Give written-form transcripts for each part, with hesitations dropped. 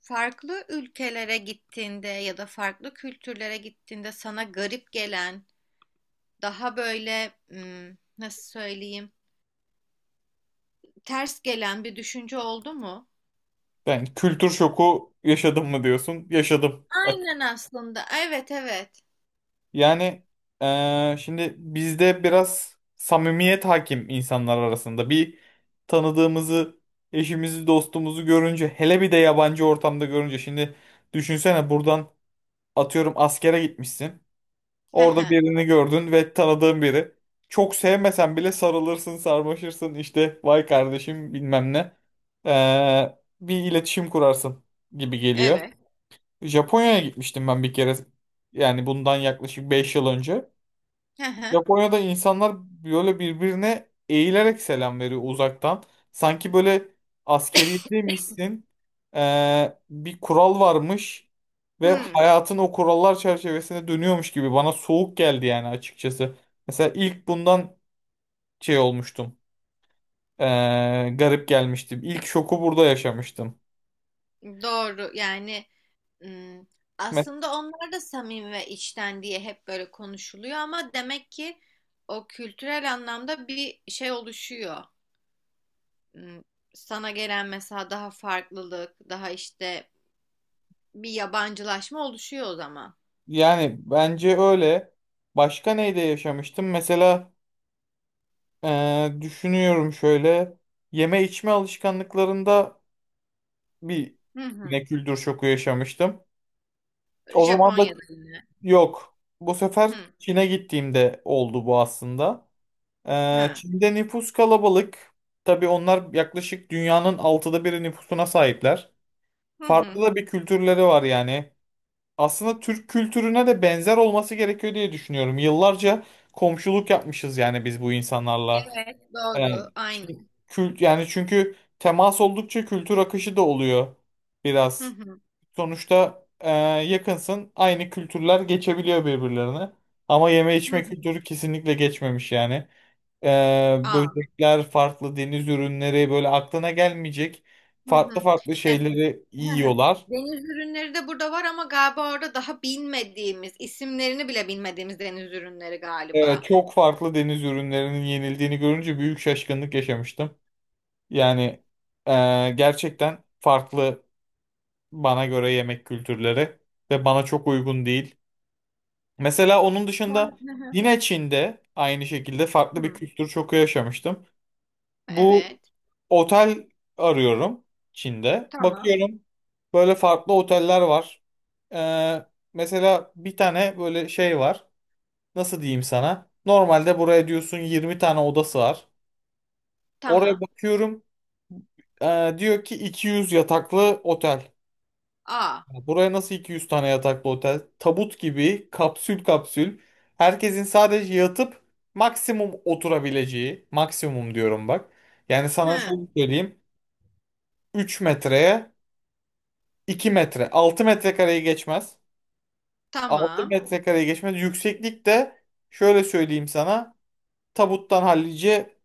Farklı ülkelere gittiğinde ya da farklı kültürlere gittiğinde sana garip gelen, daha böyle nasıl söyleyeyim, ters gelen bir düşünce oldu mu? Yani kültür şoku yaşadım mı diyorsun? Yaşadım. Aynen aslında. Evet, evet. Yani şimdi bizde biraz samimiyet hakim insanlar arasında. Bir tanıdığımızı, eşimizi, dostumuzu görünce, hele bir de yabancı ortamda görünce. Şimdi düşünsene buradan atıyorum askere gitmişsin. Hı Orada hı. birini gördün ve tanıdığın biri. Çok sevmesen bile sarılırsın, sarmaşırsın. İşte vay kardeşim bilmem ne. Bir iletişim kurarsın gibi geliyor. Evet. Japonya'ya gitmiştim ben bir kere. Yani bundan yaklaşık 5 yıl önce. Hı hı. Japonya'da insanlar böyle birbirine eğilerek selam veriyor uzaktan. Sanki böyle askeriyedeymişsin. Bir kural varmış ve Hmm, hayatın o kurallar çerçevesinde dönüyormuş gibi bana soğuk geldi yani açıkçası. Mesela ilk bundan şey olmuştum. Ee, garip gelmiştim. İlk şoku burada yaşamıştım. doğru. Yani hmm, Me- aslında onlar da samimi ve içten diye hep böyle konuşuluyor ama demek ki o kültürel anlamda bir şey oluşuyor. m, Sana gelen mesela daha farklılık, daha işte bir yabancılaşma oluşuyor o zaman. Yani bence öyle. Başka neyde yaşamıştım? Mesela düşünüyorum şöyle. Yeme içme alışkanlıklarında bir Hı hı. yine kültür şoku yaşamıştım. O zaman da Japonya'da yine. yok. Bu sefer Hı Çin'e gittiğimde oldu bu aslında. Hı. Çin'de nüfus kalabalık. Tabii onlar yaklaşık dünyanın altıda biri nüfusuna sahipler. Hı Farklı hı. da bir kültürleri var yani. Aslında Türk kültürüne de benzer olması gerekiyor diye düşünüyorum. Yıllarca komşuluk yapmışız yani biz bu insanlarla. Evet, doğru. Yani Aynı. kült yani çünkü temas oldukça kültür akışı da oluyor Hı biraz. hı. Sonuçta yakınsın, aynı kültürler geçebiliyor birbirlerine. Ama yeme Hı içme hı. kültürü kesinlikle geçmemiş yani. E, Aa. böcekler, farklı deniz ürünleri böyle aklına gelmeyecek Hı farklı hı. farklı Yani, şeyleri hı hı. yiyorlar. Deniz ürünleri de burada var ama galiba orada daha bilmediğimiz, isimlerini bile bilmediğimiz deniz ürünleri galiba. Çok farklı deniz ürünlerinin yenildiğini görünce büyük şaşkınlık yaşamıştım. Yani gerçekten farklı bana göre yemek kültürleri ve bana çok uygun değil. Mesela onun dışında Hı hı. yine Çin'de aynı şekilde farklı bir Hı. kültür çoku yaşamıştım. Bu Evet. otel arıyorum Çin'de. Tamam. Bakıyorum böyle farklı oteller var. Ee, mesela bir tane böyle şey var. Nasıl diyeyim sana? Normalde buraya diyorsun 20 tane odası var. Oraya Tamam. bakıyorum. Diyor ki 200 yataklı otel. Aa. Buraya nasıl 200 tane yataklı otel? Tabut gibi kapsül kapsül. Herkesin sadece yatıp maksimum oturabileceği. Maksimum diyorum bak. Yani sana şöyle Hı. söyleyeyim. 3 metreye 2 metre. 6 metrekareyi geçmez. altı Tamam. metrekareyi geçmez. Yükseklik de şöyle söyleyeyim sana. Tabuttan hallice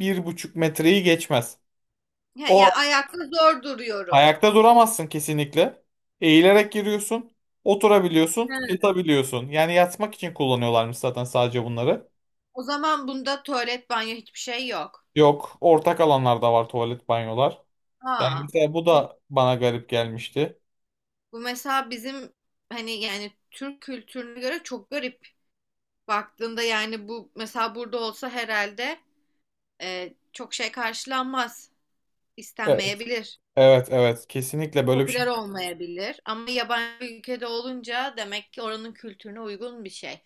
1,5 metreyi geçmez. Ya, ya O ayakta zor duruyorum. Ayakta duramazsın kesinlikle. Eğilerek giriyorsun. He. Oturabiliyorsun. Yatabiliyorsun. Yani yatmak için kullanıyorlarmış zaten sadece bunları. O zaman bunda tuvalet, banyo hiçbir şey yok. Yok. Ortak alanlarda var tuvalet, banyolar. Yani Aa, mesela bu bu, da bana garip gelmişti. bu mesela bizim hani yani Türk kültürüne göre çok garip. Baktığında yani bu mesela burada olsa herhalde çok şey karşılanmaz. E- İstenmeyebilir. Evet, evet, kesinlikle böyle bir Popüler şey. olmayabilir. Ama yabancı bir ülkede olunca demek ki oranın kültürüne uygun bir şey.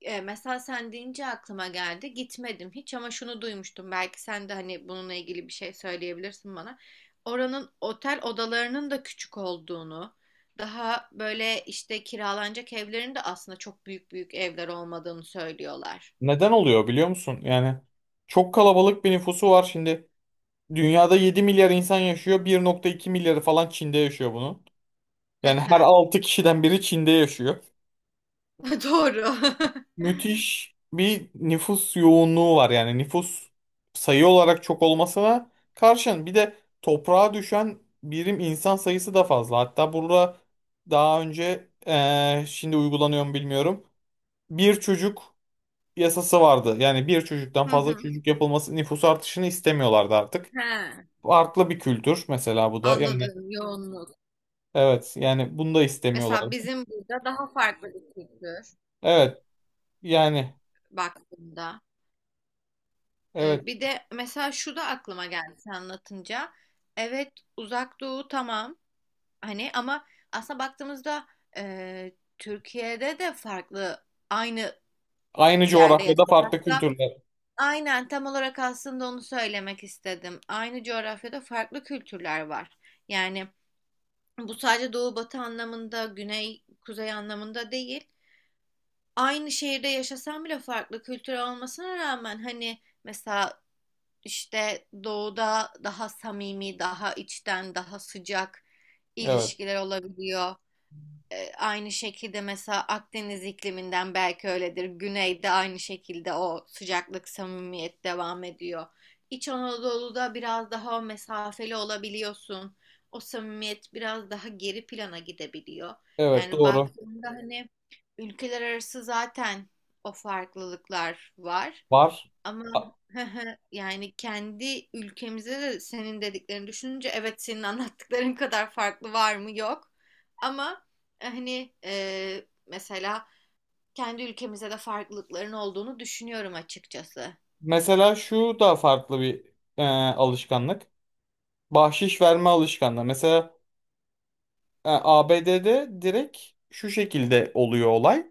Mesela sen deyince aklıma geldi. Gitmedim hiç ama şunu duymuştum. Belki sen de hani bununla ilgili bir şey söyleyebilirsin bana. Oranın otel odalarının da küçük olduğunu, daha böyle işte kiralanacak evlerin de aslında çok büyük büyük evler olmadığını söylüyorlar. Neden oluyor biliyor musun? Yani çok kalabalık bir nüfusu var şimdi. Dünyada 7 milyar insan yaşıyor. 1,2 milyarı falan Çin'de yaşıyor bunun. Hı Yani her hı. 6 kişiden biri Çin'de yaşıyor. Doğru. Müthiş bir nüfus yoğunluğu var. Yani nüfus sayı olarak çok olmasına karşın bir de toprağa düşen birim insan sayısı da fazla. Hatta burada daha önce şimdi uygulanıyor mu bilmiyorum. Bir çocuk yasası vardı. Yani bir çocuktan Hı fazla hı. çocuk yapılması nüfus artışını istemiyorlardı artık. He. Farklı bir kültür mesela bu da. Yani Anladım yoğunluk. evet yani bunu da Mesela istemiyorlardı. bizim burada daha farklı bir kültür Evet yani baktığında. evet. Bir de mesela şu da aklıma geldi sen anlatınca. Evet Uzak Doğu tamam hani ama aslında baktığımızda e, Türkiye'de de farklı aynı Aynı yerde coğrafyada farklı yaşasak da kültürler. aynen tam olarak aslında onu söylemek istedim. Aynı coğrafyada farklı kültürler var. Yani bu sadece doğu batı anlamında güney kuzey anlamında değil. Aynı şehirde yaşasam bile farklı kültür olmasına rağmen hani mesela işte doğuda daha samimi, daha içten, daha sıcak Evet. ilişkiler olabiliyor. Aynı şekilde mesela Akdeniz ikliminden belki öyledir. Güneyde aynı şekilde o sıcaklık, samimiyet devam ediyor. İç Anadolu'da biraz daha mesafeli olabiliyorsun. O samimiyet biraz daha geri plana gidebiliyor. Evet Yani doğru. baktığında hani ülkeler arası zaten o farklılıklar var. Var. Ama A- yani kendi ülkemizde de senin dediklerini düşününce evet senin anlattıkların kadar farklı var mı yok. Ama hani mesela kendi ülkemizde de farklılıkların olduğunu düşünüyorum açıkçası. Mesela şu da farklı bir alışkanlık. Bahşiş verme alışkanlığı. Mesela ABD'de direkt şu şekilde oluyor olay.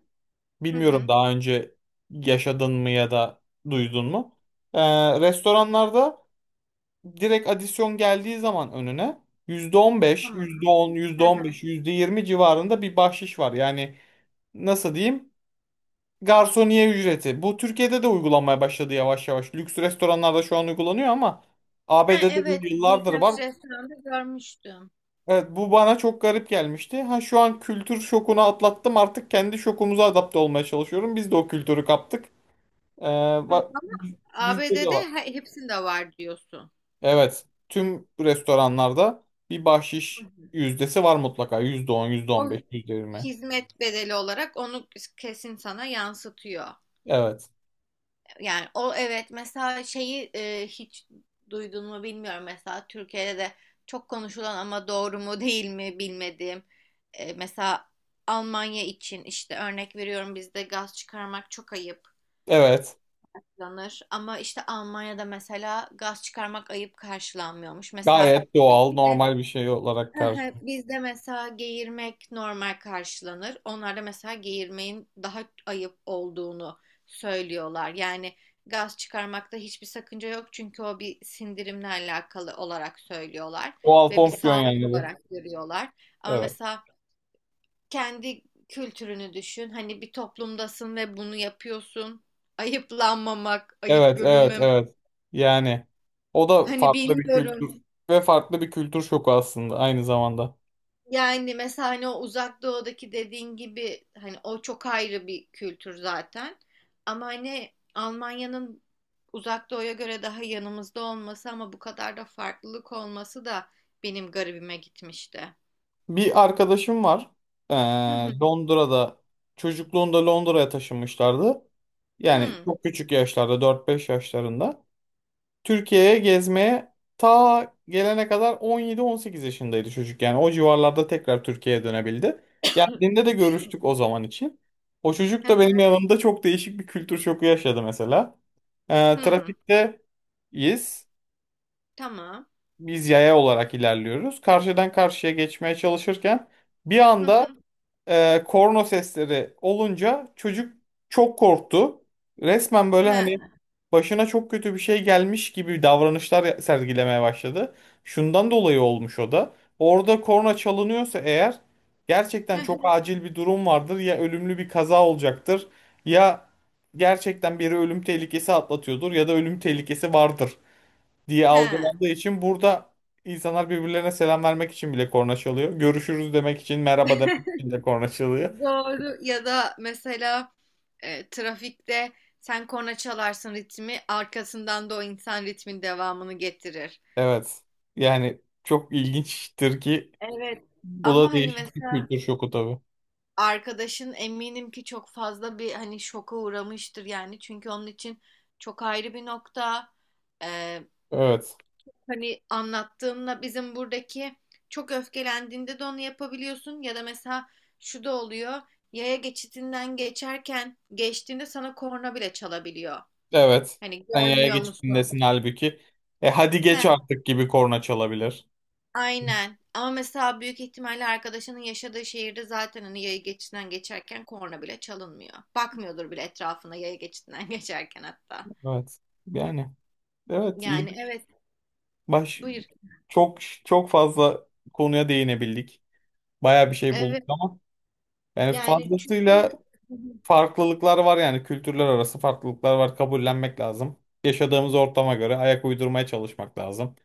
Hı Bilmiyorum hı. daha önce yaşadın mı ya da duydun mu? E, restoranlarda direkt adisyon geldiği zaman önüne yüzde Tamam. on, beş, Hı on hı. beş, %20 civarında bir bahşiş var. Yani nasıl diyeyim? Garsoniye ücreti. Bu Türkiye'de de uygulanmaya başladı yavaş yavaş. Lüks restoranlarda şu an uygulanıyor ama Ha, ABD'de bu evet yıllardır var. birkaç restoranda görmüştüm. Evet, bu bana çok garip gelmişti. Ha şu an kültür şokunu atlattım, artık kendi şokumuza adapte olmaya çalışıyorum. Biz de o kültürü kaptık. Ee, Hı, bak ama bizde de ABD'de var. Hepsinde var diyorsun. Evet, tüm restoranlarda bir Hı bahşiş hı. yüzdesi var mutlaka. %10, yüzde on O beş, yüzde yirmi. hizmet bedeli olarak onu kesin sana yansıtıyor. Evet. Yani o evet mesela şeyi hiç duydun mu bilmiyorum mesela Türkiye'de de çok konuşulan ama doğru mu değil mi bilmediğim mesela Almanya için işte örnek veriyorum bizde gaz çıkarmak çok ayıp Evet. karşılanır ama işte Almanya'da mesela gaz çıkarmak ayıp karşılanmıyormuş. Mesela Gayet doğal, bizde normal bir şey olarak Hı kar. hı. Bizde mesela geğirmek normal karşılanır. Onlarda mesela geğirmeyin daha ayıp olduğunu söylüyorlar. Yani gaz çıkarmakta hiçbir sakınca yok çünkü o bir sindirimle alakalı olarak söylüyorlar Doğal ve bir fonksiyon sağlık yani bu. olarak görüyorlar. Ama Evet. mesela kendi kültürünü düşün. Hani bir toplumdasın ve bunu yapıyorsun. Ayıplanmamak, ayıp Evet, evet, görülmemek. evet. Yani o da Hani farklı bir bilmiyorum. kültür ve farklı bir kültür şoku aslında aynı zamanda. Yani mesela hani o uzak doğudaki dediğin gibi hani o çok ayrı bir kültür zaten. Ama hani Almanya'nın uzak doğuya göre daha yanımızda olması ama bu kadar da farklılık olması da benim garibime gitmişti. Bir arkadaşım var. Ee, Hı hı. Londra'da çocukluğunda Londra'ya taşınmışlardı. Yani Hı. çok küçük yaşlarda, 4-5 yaşlarında. Türkiye'ye gezmeye ta gelene kadar 17-18 yaşındaydı çocuk. Yani o civarlarda tekrar Türkiye'ye dönebildi. Geldiğinde de görüştük o zaman için. O çocuk Hı da benim hı. yanımda çok değişik bir kültür şoku yaşadı mesela. Hı. Trafikteyiz. Tamam. Biz yaya olarak ilerliyoruz. Karşıdan karşıya geçmeye çalışırken bir Hı anda hı. Korna sesleri olunca çocuk çok korktu. Resmen böyle He. hani başına çok kötü bir şey gelmiş gibi davranışlar sergilemeye başladı. Şundan dolayı olmuş o da. Orada korna çalınıyorsa eğer Hı gerçekten çok hı. acil bir durum vardır. Ya ölümlü bir kaza olacaktır, ya gerçekten biri ölüm tehlikesi atlatıyordur ya da ölüm tehlikesi vardır diye He. algılandığı için burada insanlar birbirlerine selam vermek için bile korna çalıyor. Görüşürüz demek için, merhaba demek için de korna çalıyor. Doğru ya da mesela trafikte sen korna çalarsın ritmi arkasından da o insan ritmin devamını getirir. Evet. Yani çok ilginçtir ki Evet. bu Ama da hani değişik bir mesela kültür şoku tabii. arkadaşın eminim ki çok fazla bir hani şoka uğramıştır yani. Çünkü onun için çok ayrı bir nokta. Ee, Evet. Hani anlattığımla bizim buradaki çok öfkelendiğinde de onu yapabiliyorsun. Ya da mesela şu da oluyor. Yaya geçitinden geçerken geçtiğinde sana korna bile çalabiliyor. Evet. Hani Sen yaya görmüyor geçip dinlesin musun? halbuki. E hadi He, geç artık gibi korna çalabilir. aynen. Ama mesela büyük ihtimalle arkadaşının yaşadığı şehirde zaten hani yaya geçidinden geçerken korna bile çalınmıyor. Bakmıyordur bile etrafına yaya geçidinden geçerken hatta. Evet. Yani evet, Yani ilginç. evet, Baş buyur. çok çok fazla konuya değinebildik. Baya bir şey bulduk Evet, ama yani yani çünkü fazlasıyla farklılıklar var, yani kültürler arası farklılıklar var, kabullenmek lazım. Yaşadığımız ortama göre ayak uydurmaya çalışmak lazım.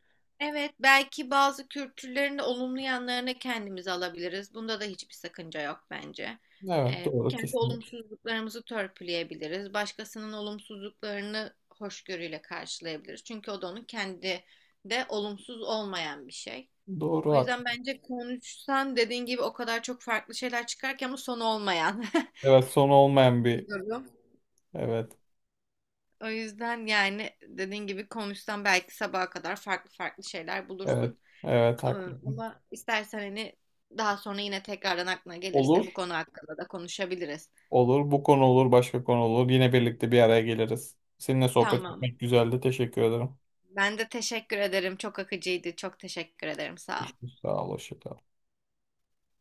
evet, belki bazı kültürlerin de olumlu yanlarını kendimize alabiliriz. Bunda da hiçbir sakınca yok bence. Evet, doğru Kendi kesin. olumsuzluklarımızı törpüleyebiliriz. Başkasının olumsuzluklarını hoşgörüyle karşılayabiliriz. Çünkü o da onun kendi de olumsuz olmayan bir şey. Doğru, O haklı. yüzden bence konuşsan dediğin gibi o kadar çok farklı şeyler çıkarken ama sonu olmayan Evet, sonu olmayan bir bir, durum. evet, O yüzden yani dediğin gibi konuşsan belki sabaha kadar farklı farklı şeyler evet, bulursun. evet, Ama haklısın. ama istersen hani daha sonra yine tekrardan aklına gelirse bu Olur, konu hakkında da konuşabiliriz. olur bu konu olur başka konu olur, yine birlikte bir araya geliriz. Seninle sohbet Tamam. etmek güzeldi, teşekkür ederim. Ben de teşekkür ederim. Çok akıcıydı. Çok teşekkür ederim. Sağ ol. Görüşürüz. Sağ ol, hoşça kal.